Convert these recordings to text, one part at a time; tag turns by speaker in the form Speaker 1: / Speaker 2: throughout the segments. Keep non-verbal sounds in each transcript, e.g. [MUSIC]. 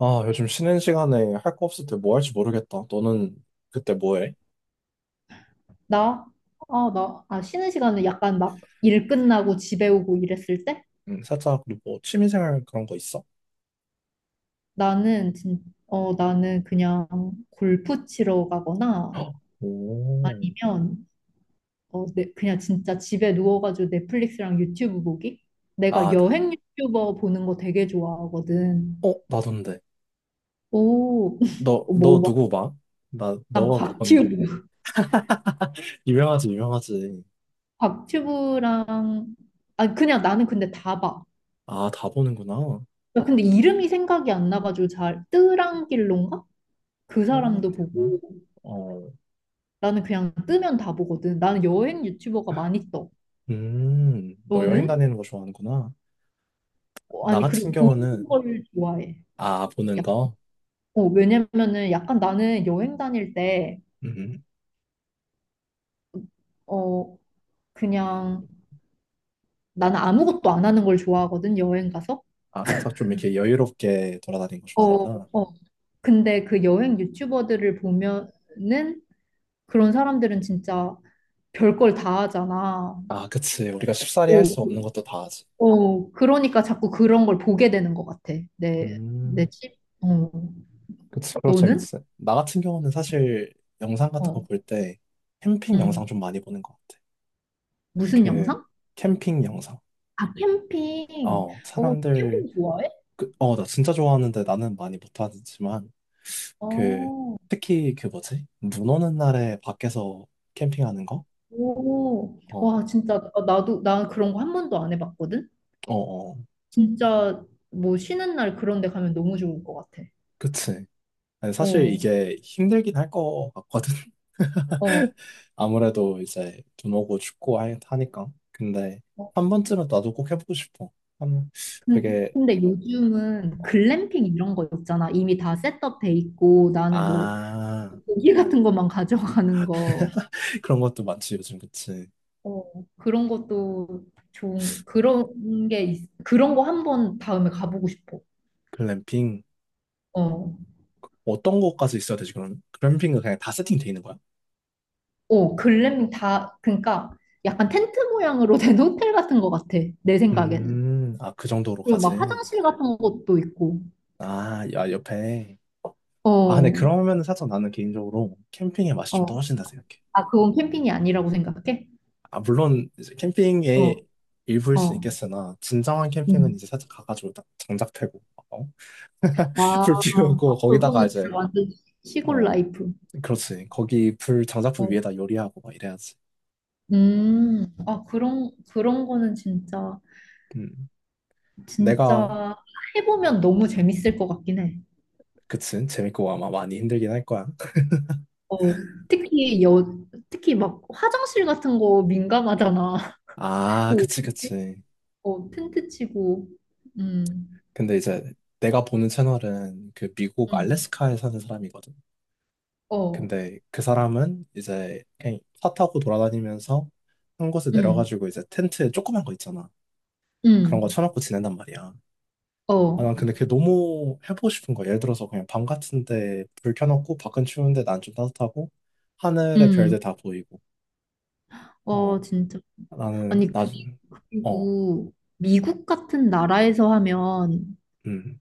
Speaker 1: 아, 요즘 쉬는 시간에 할 거 없을 때 뭐 할지 모르겠다. 너는 그때 뭐 해?
Speaker 2: 나? 쉬는 시간에 약간 막 일 끝나고 집에 오고 이랬을 때?
Speaker 1: 살짝 뭐 취미생활 그런 거 있어?
Speaker 2: 나는, 진, 나는 그냥 골프 치러
Speaker 1: [GASPS]
Speaker 2: 가거나
Speaker 1: 헉, 오,
Speaker 2: 아니면, 그냥 진짜 집에 누워가지고 넷플릭스랑 유튜브 보기? 내가
Speaker 1: 아, 나,
Speaker 2: 여행 유튜버 보는 거 되게 좋아하거든.
Speaker 1: 어, 나던데.
Speaker 2: 오, [LAUGHS]
Speaker 1: 너,
Speaker 2: 뭐,
Speaker 1: 너
Speaker 2: 막,
Speaker 1: 누구 봐? 나,
Speaker 2: 난
Speaker 1: 너가 못 보는 거.
Speaker 2: 곽튜브.
Speaker 1: [LAUGHS] 유명하지, 유명하지.
Speaker 2: 곽튜브랑, 그냥 나는 근데 다 봐.
Speaker 1: 아, 다 보는구나.
Speaker 2: 나 근데 이름이 생각이 안 나가지고 잘, 뜨랑길론가? 그
Speaker 1: 때랑
Speaker 2: 사람도
Speaker 1: 때랑.
Speaker 2: 보고.
Speaker 1: 어,
Speaker 2: 나는 그냥 뜨면 다 보거든. 나는 여행 유튜버가 많이 떠.
Speaker 1: 너 여행
Speaker 2: 너는?
Speaker 1: 다니는 거 좋아하는구나. 나
Speaker 2: 아니, 그리고
Speaker 1: 같은 경우는,
Speaker 2: 보는 걸 좋아해.
Speaker 1: 아, 보는
Speaker 2: 야,
Speaker 1: 거?
Speaker 2: 왜냐면은 약간 나는 여행 다닐 때,
Speaker 1: 음,
Speaker 2: 어, 그냥 나는 아무것도 안 하는 걸 좋아하거든, 여행 가서.
Speaker 1: 아, 살짝 좀 이렇게 여유롭게 돌아다니는 거
Speaker 2: 어,
Speaker 1: 좋아하는구나.
Speaker 2: 어. 근데 그 여행 유튜버들을 보면은 그런 사람들은 진짜 별 걸 다 하잖아.
Speaker 1: 아, 그치. 우리가 쉽사리 할
Speaker 2: 어,
Speaker 1: 수 없는 것도 다 하지.
Speaker 2: 어, 그러니까 자꾸 그런 걸 보게 되는 것 같아. 내
Speaker 1: 음,
Speaker 2: 집? 어,
Speaker 1: 그치. 그럼
Speaker 2: 너는?
Speaker 1: 재밌지. 나 같은 경우는 사실 영상 같은
Speaker 2: 어,
Speaker 1: 거 볼 때 캠핑 영상
Speaker 2: 응.
Speaker 1: 좀 많이 보는 것 같아.
Speaker 2: 무슨
Speaker 1: 이렇게
Speaker 2: 영상?
Speaker 1: 캠핑 영상.
Speaker 2: 아, 캠핑.
Speaker 1: 어,
Speaker 2: 어,
Speaker 1: 사람들,
Speaker 2: 캠핑 좋아해?
Speaker 1: 그, 어, 나 진짜 좋아하는데 나는 많이 못하지만, 그,
Speaker 2: 어,
Speaker 1: 특히 그 뭐지? 눈 오는 날에 밖에서 캠핑하는 거?
Speaker 2: 오,
Speaker 1: 어,
Speaker 2: 와, 진짜, 나- 나도, 나 그런 거 한 번도 안 해봤거든?
Speaker 1: 어, 어.
Speaker 2: 진짜, 뭐, 쉬는 날 그런 데 가면 너무 좋을 것 같아.
Speaker 1: 그치. 아니, 사실
Speaker 2: 어,
Speaker 1: 이게 힘들긴 할 것 같거든.
Speaker 2: 어.
Speaker 1: 아무래도 이제 눈 오고 춥고 하니까. 근데
Speaker 2: 어.
Speaker 1: 한 번쯤은 나도 꼭 해보고 싶어. 한,
Speaker 2: 근-
Speaker 1: 되게,
Speaker 2: 근데 요즘은 글램핑 이런 거 있잖아. 이미 다 셋업 돼 있고, 나는 뭐,
Speaker 1: 아,
Speaker 2: 고기 같은 것만 [LAUGHS] 가져가는 거.
Speaker 1: [LAUGHS] 그런 것도 많지, 요즘, 그치.
Speaker 2: 어, 그런 것도 좋은, 그런 게, 그런 거 한 번 다음에 가보고 싶어.
Speaker 1: 글램핑.
Speaker 2: 어,
Speaker 1: 어떤 것까지 있어야 되지, 그럼? 글램핑은 그냥 다 세팅돼 있는 거야?
Speaker 2: 오, 글램핑 다, 그러니까 약간 텐트 모양으로 된 [LAUGHS] 호텔 같은 것 같아, 내 생각에는.
Speaker 1: 아, 그
Speaker 2: 그리고 막
Speaker 1: 정도로까지.
Speaker 2: 화장실 같은 것도 있고.
Speaker 1: 아, 야, 옆에. 아, 근데
Speaker 2: 어,
Speaker 1: 그러면은 살짝 나는 개인적으로 캠핑의 맛이 좀
Speaker 2: 어.
Speaker 1: 떨어진다 생각해.
Speaker 2: 아, 그건 캠핑이 아니라고 생각해?
Speaker 1: 아, 물론 이제
Speaker 2: 어,
Speaker 1: 캠핑의 일부일 수
Speaker 2: 어.
Speaker 1: 있겠으나, 진정한 캠핑은
Speaker 2: 음.
Speaker 1: 이제 살짝 가가지고 딱 장작 패고. [LAUGHS]
Speaker 2: 아,
Speaker 1: 불 피우고 거기다가
Speaker 2: 그거는
Speaker 1: 이제
Speaker 2: 진짜 완전 시골
Speaker 1: 어
Speaker 2: 라이프.
Speaker 1: 그렇지 거기 불 장작불
Speaker 2: 어.
Speaker 1: 위에다 요리하고 막 이래야지.
Speaker 2: 아, 그런 거는 진짜,
Speaker 1: 음. 내가
Speaker 2: 진짜 해보면 너무 재밌을 것 같긴 해.
Speaker 1: 그치 재밌고 아마 많이 힘들긴 할 거야.
Speaker 2: 어, 특히 여, 특히 막 화장실 같은 거 민감하잖아.
Speaker 1: 아 그치
Speaker 2: [LAUGHS]
Speaker 1: 그치.
Speaker 2: 어, 텐트 치고, 음,
Speaker 1: 근데 이제 내가 보는 채널은 그 미국
Speaker 2: 음,
Speaker 1: 알래스카에 사는 사람이거든.
Speaker 2: 어,
Speaker 1: 근데 그 사람은 이제 그냥 차 타고 돌아다니면서 한 곳에
Speaker 2: 음,
Speaker 1: 내려가지고 이제 텐트에 조그만 거 있잖아. 그런 거
Speaker 2: 음,
Speaker 1: 쳐놓고 지낸단 말이야.
Speaker 2: 어,
Speaker 1: 아, 난 근데 그게 너무 해보고 싶은 거야. 예를 들어서 그냥 밤 같은데 불 켜놓고 밖은 추운데 난 좀 따뜻하고 하늘의
Speaker 2: 음.
Speaker 1: 별들 다 보이고. 어,
Speaker 2: 어, 진짜. 아니,
Speaker 1: 나는 나, 어,
Speaker 2: 그리고 미국 같은 나라에서 하면
Speaker 1: 음,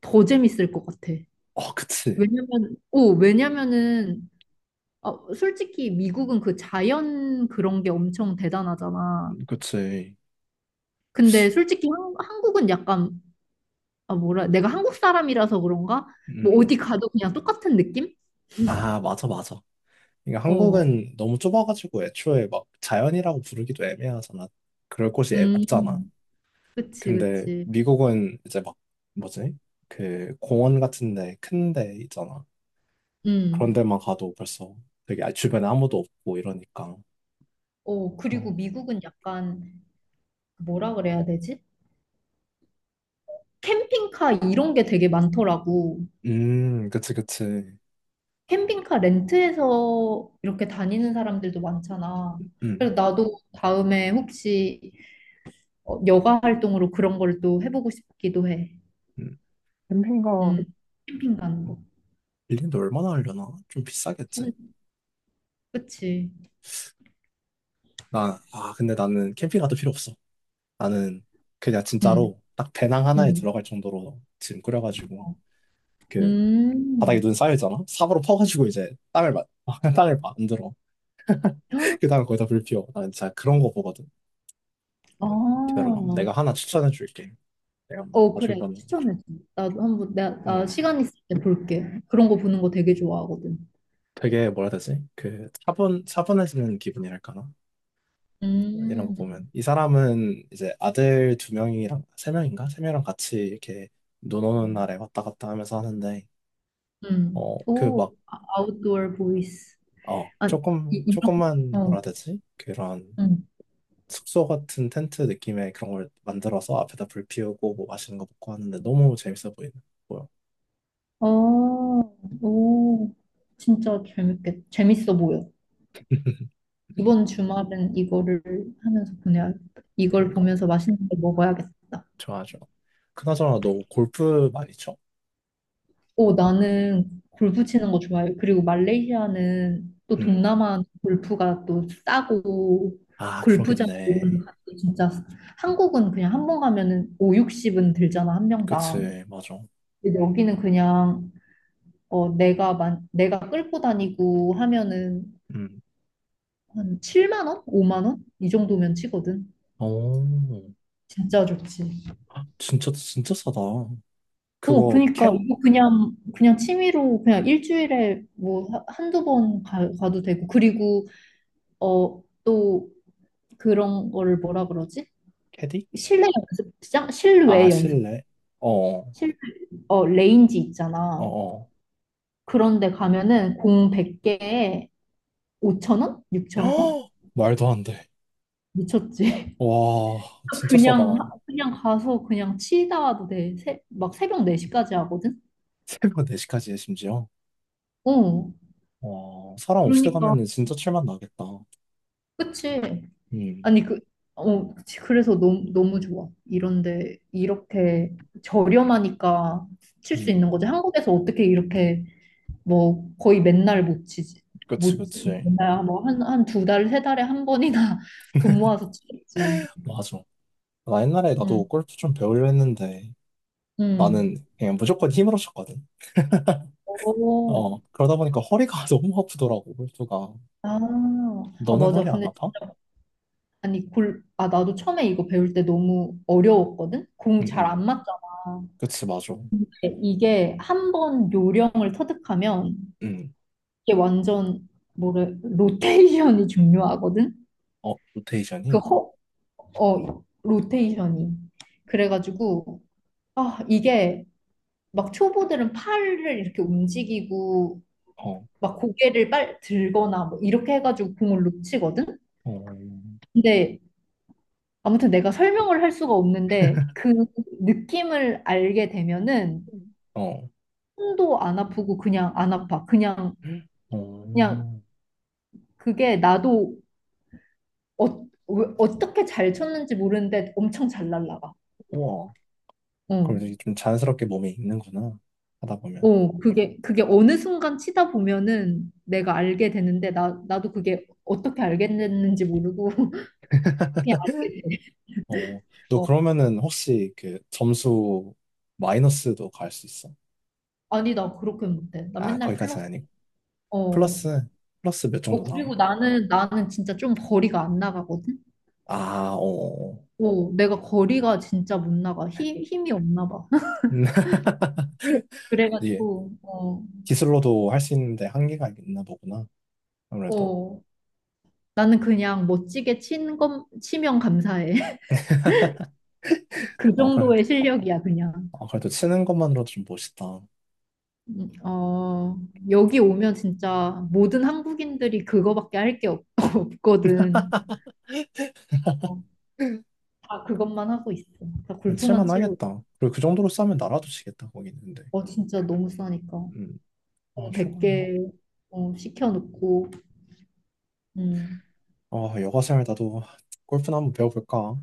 Speaker 2: 더 재밌을 것 같아.
Speaker 1: 어, 그치,
Speaker 2: 왜냐면은, 솔직히 미국은 그 자연 그런 게 엄청 대단하잖아.
Speaker 1: 그치,
Speaker 2: 근데 솔직히 한국은 약간, 내가 한국 사람이라서 그런가? 뭐
Speaker 1: 음,
Speaker 2: 어디 가도 그냥 똑같은 느낌?
Speaker 1: 아, 맞아, 맞아. 그러니까
Speaker 2: 어,
Speaker 1: 한국은 너무 좁아가지고 애초에 막 자연이라고 부르기도 애매하잖아. 그럴 곳이 없잖아.
Speaker 2: 음. 그치,
Speaker 1: 근데
Speaker 2: 그치.
Speaker 1: 미국은 이제 막 뭐지? 그 공원 같은데 큰데 있잖아. 그런
Speaker 2: 음.
Speaker 1: 데만 가도 벌써 되게 주변에 아무도 없고 이러니까.
Speaker 2: 어, 그리고
Speaker 1: 어.
Speaker 2: 미국은 약간 그 뭐라 그래야 되지? 캠핑카 이런 게 되게 많더라고.
Speaker 1: 그치, 그치.
Speaker 2: 캠핑카 렌트해서 이렇게 다니는 사람들도 많잖아.
Speaker 1: 음,
Speaker 2: 그래서 나도 다음에 혹시 어, 여가 활동으로 그런 걸 또 해보고 싶기도 해.
Speaker 1: 음. 캠핑가
Speaker 2: 음, 캠핑 가는 거.
Speaker 1: 빌리는데 얼마나 하려나? 좀 비싸겠지?
Speaker 2: 음, 그치.
Speaker 1: 나, 아, 근데 나는 캠핑카도 필요 없어. 나는 그냥
Speaker 2: 음,
Speaker 1: 진짜로 딱 배낭 하나에
Speaker 2: 음,
Speaker 1: 들어갈 정도로 짐 꾸려가지고 그 바닥에
Speaker 2: 음.
Speaker 1: 눈 쌓여있잖아? 삽으로 퍼가지고 이제 땅을 막, [LAUGHS] 땅을 막 만들어.
Speaker 2: 헉,
Speaker 1: 그 다음에 거기다 불 피워. 난 진짜 그런 거 보거든.
Speaker 2: 아,
Speaker 1: 기다려봐. 내가 하나 추천해 줄게. 내가
Speaker 2: 어,
Speaker 1: 가지고
Speaker 2: 그래.
Speaker 1: 가는.
Speaker 2: 추천해줘. 나도 한번, 나 시간 있을 때 볼게. 그런 거 보는 거 되게 좋아하거든.
Speaker 1: 되게 뭐라 해야 되지? 그 차분 차분해지는 기분이랄까나? 이런 거
Speaker 2: 음,
Speaker 1: 보면 이 사람은 이제 아들 두 명이랑 세 명인가? 세 명이랑 같이 이렇게 노노는 날에 왔다 갔다 하면서 하는데 어 그
Speaker 2: 오,
Speaker 1: 막
Speaker 2: 아웃도어 보이스.
Speaker 1: 어
Speaker 2: 아, 이,
Speaker 1: 조금
Speaker 2: 이런,
Speaker 1: 조금만 뭐라
Speaker 2: 어,
Speaker 1: 해야 되지? 그런
Speaker 2: 음.
Speaker 1: 숙소 같은 텐트 느낌의 그런 걸 만들어서 앞에다 불 피우고 뭐 맛있는 거 먹고 하는데 너무 재밌어 보이는 거예요.
Speaker 2: 어, 오, 진짜 재밌어 보여.
Speaker 1: [LAUGHS]
Speaker 2: 이번 주말은 이거를 하면서 보내야겠다. 이걸
Speaker 1: 그러니까
Speaker 2: 보면서 맛있는 거 먹어야겠다.
Speaker 1: 좋아하죠. 그나저나 너 골프 많이 쳐?
Speaker 2: 오, 나는 골프 치는 거 좋아해요. 그리고 말레이시아는 또
Speaker 1: 음.
Speaker 2: 동남아 골프가 또 싸고,
Speaker 1: 아,
Speaker 2: 골프장 이런 데
Speaker 1: 그러겠네.
Speaker 2: 가도 진짜, 한국은 그냥 한번 가면은 오육십은 들잖아, 한 명당.
Speaker 1: 그치, 맞아.
Speaker 2: 근데 여기는 그냥 어 내가 끌고 다니고 하면은
Speaker 1: 음.
Speaker 2: 한 7만 원? 5만 원? 이 정도면 치거든.
Speaker 1: 오,
Speaker 2: 진짜 좋지.
Speaker 1: 아, 진짜, 진짜 싸다.
Speaker 2: 어
Speaker 1: 그거,
Speaker 2: 그니까
Speaker 1: 캐,
Speaker 2: 이거 그냥 그냥 취미로 그냥 일주일에 뭐 한두 번 가도 되고 그리고 어 또 그런 거를 뭐라 그러지?
Speaker 1: 캐디?
Speaker 2: 실내 연습장? 실외
Speaker 1: 아,
Speaker 2: 연습.
Speaker 1: 실내? 어, 어,
Speaker 2: 실 어 레인지 있잖아.
Speaker 1: 어.
Speaker 2: 그런데 가면은 공 100개에 5천 원?
Speaker 1: [GASPS]
Speaker 2: 6천 원?
Speaker 1: 헉! 말도 안 돼.
Speaker 2: 미쳤지.
Speaker 1: 와, 진짜 싸다.
Speaker 2: 그냥 그냥 가서 그냥 치다 와도 돼. 막 새벽 4시까지 하거든.
Speaker 1: 새벽 4시까지 해, 심지어.
Speaker 2: 어.
Speaker 1: 와, 사람 없을 때
Speaker 2: 그러니까
Speaker 1: 가면은 진짜 칠맛 나겠다.
Speaker 2: 그치.
Speaker 1: 음,
Speaker 2: 아니 그치. 그래서 너무 너무 좋아. 이런데 이렇게 저렴하니까 칠 수
Speaker 1: 음,
Speaker 2: 있는 거지. 한국에서 어떻게 이렇게 뭐 거의 맨날 못 치지.
Speaker 1: 그치,
Speaker 2: 못 치-
Speaker 1: 그치.
Speaker 2: 맨날 뭐한 한 두 달, 세 달에 한 번이나 [LAUGHS] 돈 모아서 치겠지.
Speaker 1: 맞아. 나 옛날에 나도
Speaker 2: 응.
Speaker 1: 골프 좀 배우려 했는데, 나는
Speaker 2: 응.
Speaker 1: 그냥 무조건 힘으로 쳤거든.
Speaker 2: 오.
Speaker 1: 어, 그러다 보니까 허리가 [LAUGHS] 너무 아프더라고, 골프가.
Speaker 2: 아. 아
Speaker 1: 너는
Speaker 2: 맞아.
Speaker 1: 허리 안
Speaker 2: 근데
Speaker 1: 아파?
Speaker 2: 아니 골, 아 나도 처음에 이거 배울 때 너무 어려웠거든? 공
Speaker 1: 응,
Speaker 2: 잘 안
Speaker 1: 응.
Speaker 2: 맞잖아.
Speaker 1: 그치, 맞아.
Speaker 2: 근데 이게 한 번 요령을 터득하면
Speaker 1: 음,
Speaker 2: 이게 완전 뭐래 로테이션이 중요하거든?
Speaker 1: 어,
Speaker 2: 그
Speaker 1: 로테이션이,
Speaker 2: 허, 어 로테이션이. 그래가지고 이게 막 초보들은 팔을 이렇게 움직이고
Speaker 1: 어,
Speaker 2: 막 고개를 빨 들거나 뭐 이렇게 해가지고 공을 놓치거든?
Speaker 1: 어,
Speaker 2: 근데 아무튼 내가 설명을 할 수가 없는데
Speaker 1: [LAUGHS]
Speaker 2: 그 느낌을 알게 되면은
Speaker 1: 어,
Speaker 2: 손도 안 아프고 그냥 안 아파. 그냥 그냥
Speaker 1: 어,
Speaker 2: 그게 나도 어, 어떻게 잘 쳤는지 모르는데 엄청 잘 날라가.
Speaker 1: 우와.
Speaker 2: 어.
Speaker 1: 그럼 이게 좀 자연스럽게 몸에 있는구나. 하다 보면.
Speaker 2: 어, 그게 그게 어느 순간 치다 보면은 내가 알게 되는데 나 나도 그게 어떻게 알게 됐는지 모르고 [LAUGHS] 그냥 알게 돼.
Speaker 1: 어, 너
Speaker 2: 어.
Speaker 1: 그러면은 혹시 그 점수 마이너스도 갈 수 있어?
Speaker 2: 아니 나 그렇게 못해. 나
Speaker 1: 아,
Speaker 2: 맨날
Speaker 1: 거기까지는
Speaker 2: 플러스.
Speaker 1: 아니고.
Speaker 2: 어.
Speaker 1: 플러스, 플러스 몇
Speaker 2: 어
Speaker 1: 정도 나와?
Speaker 2: 그리고 나는 진짜 좀 거리가 안 나가거든.
Speaker 1: 아, 어,
Speaker 2: 어, 내가 거리가 진짜 못 나가. 힘이 없나 봐. [LAUGHS]
Speaker 1: 음, [LAUGHS] 예.
Speaker 2: 그래가지고, 어,
Speaker 1: 기술로도 할 수 있는데 한계가 있나 보구나. 아무래도.
Speaker 2: 어. 나는 그냥 멋지게 치면 감사해. [LAUGHS] 그
Speaker 1: 어, 그래.
Speaker 2: 정도의 실력이야, 그냥.
Speaker 1: 어, 그래도 치는 것만으로도 좀 멋있다.
Speaker 2: 어, 여기 오면 진짜 모든 한국인들이 그거밖에 할 게 [LAUGHS] 없거든. 어, 다 그것만 하고 있어. 다 골프만
Speaker 1: 칠만
Speaker 2: 치고 있어.
Speaker 1: 하겠다. 그리고 그 정도로 싸면 나라도 지겠다, 거기는. 근데.
Speaker 2: 어, 진짜 너무 싸니까.
Speaker 1: 음. 아,
Speaker 2: 어,
Speaker 1: 최고네.
Speaker 2: 100개, 어, 시켜놓고, 음.
Speaker 1: 아, 여가생활 나도 골프나 한번 배워볼까?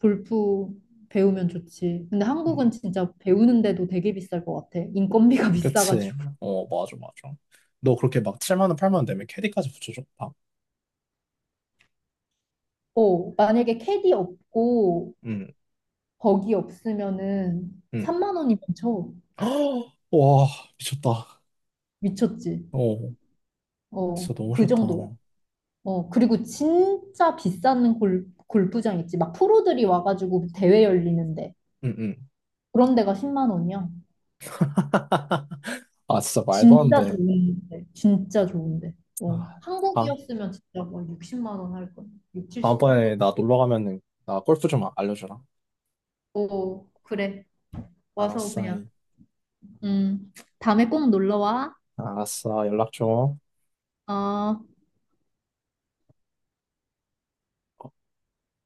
Speaker 2: 골프 배우면 좋지. 근데 한국은
Speaker 1: 음.
Speaker 2: 진짜 배우는데도 되게 비쌀 것 같아. 인건비가 [LAUGHS]
Speaker 1: 그치.
Speaker 2: 비싸가지고.
Speaker 1: 어, 맞아, 맞아. 너 그렇게 막 7만 원, 8만 원 내면 캐디까지 붙여줬다.
Speaker 2: 어, 만약에 캐디 없고
Speaker 1: 응,
Speaker 2: 버기 없으면은
Speaker 1: 응.
Speaker 2: 3만 원이면 쳐.
Speaker 1: [GASPS] 와, 미쳤다.
Speaker 2: 미쳤지.
Speaker 1: 어,
Speaker 2: 어,
Speaker 1: 진짜 너무
Speaker 2: 그
Speaker 1: 좋다.
Speaker 2: 정도야.
Speaker 1: 응,
Speaker 2: 어, 그리고 진짜 비싼 골프장 있지. 막 프로들이 와가지고 대회 열리는데.
Speaker 1: 응.
Speaker 2: 그런 데가 10만 원이야.
Speaker 1: 아, 진짜 말도 안
Speaker 2: 진짜
Speaker 1: 돼.
Speaker 2: 좋은데. 진짜 좋은데. 어,
Speaker 1: 아, 다,
Speaker 2: 한국이었으면 진짜 뭐 60만 원 할 거야. 6, 70 할 거야.
Speaker 1: 다음번에 나 놀러 가면은 나 골프 좀 알려주라.
Speaker 2: 어, 그래. 와서
Speaker 1: 알았어.
Speaker 2: 그냥 음 다음에 꼭 놀러 와.
Speaker 1: 알았어. 연락 줘.
Speaker 2: 어.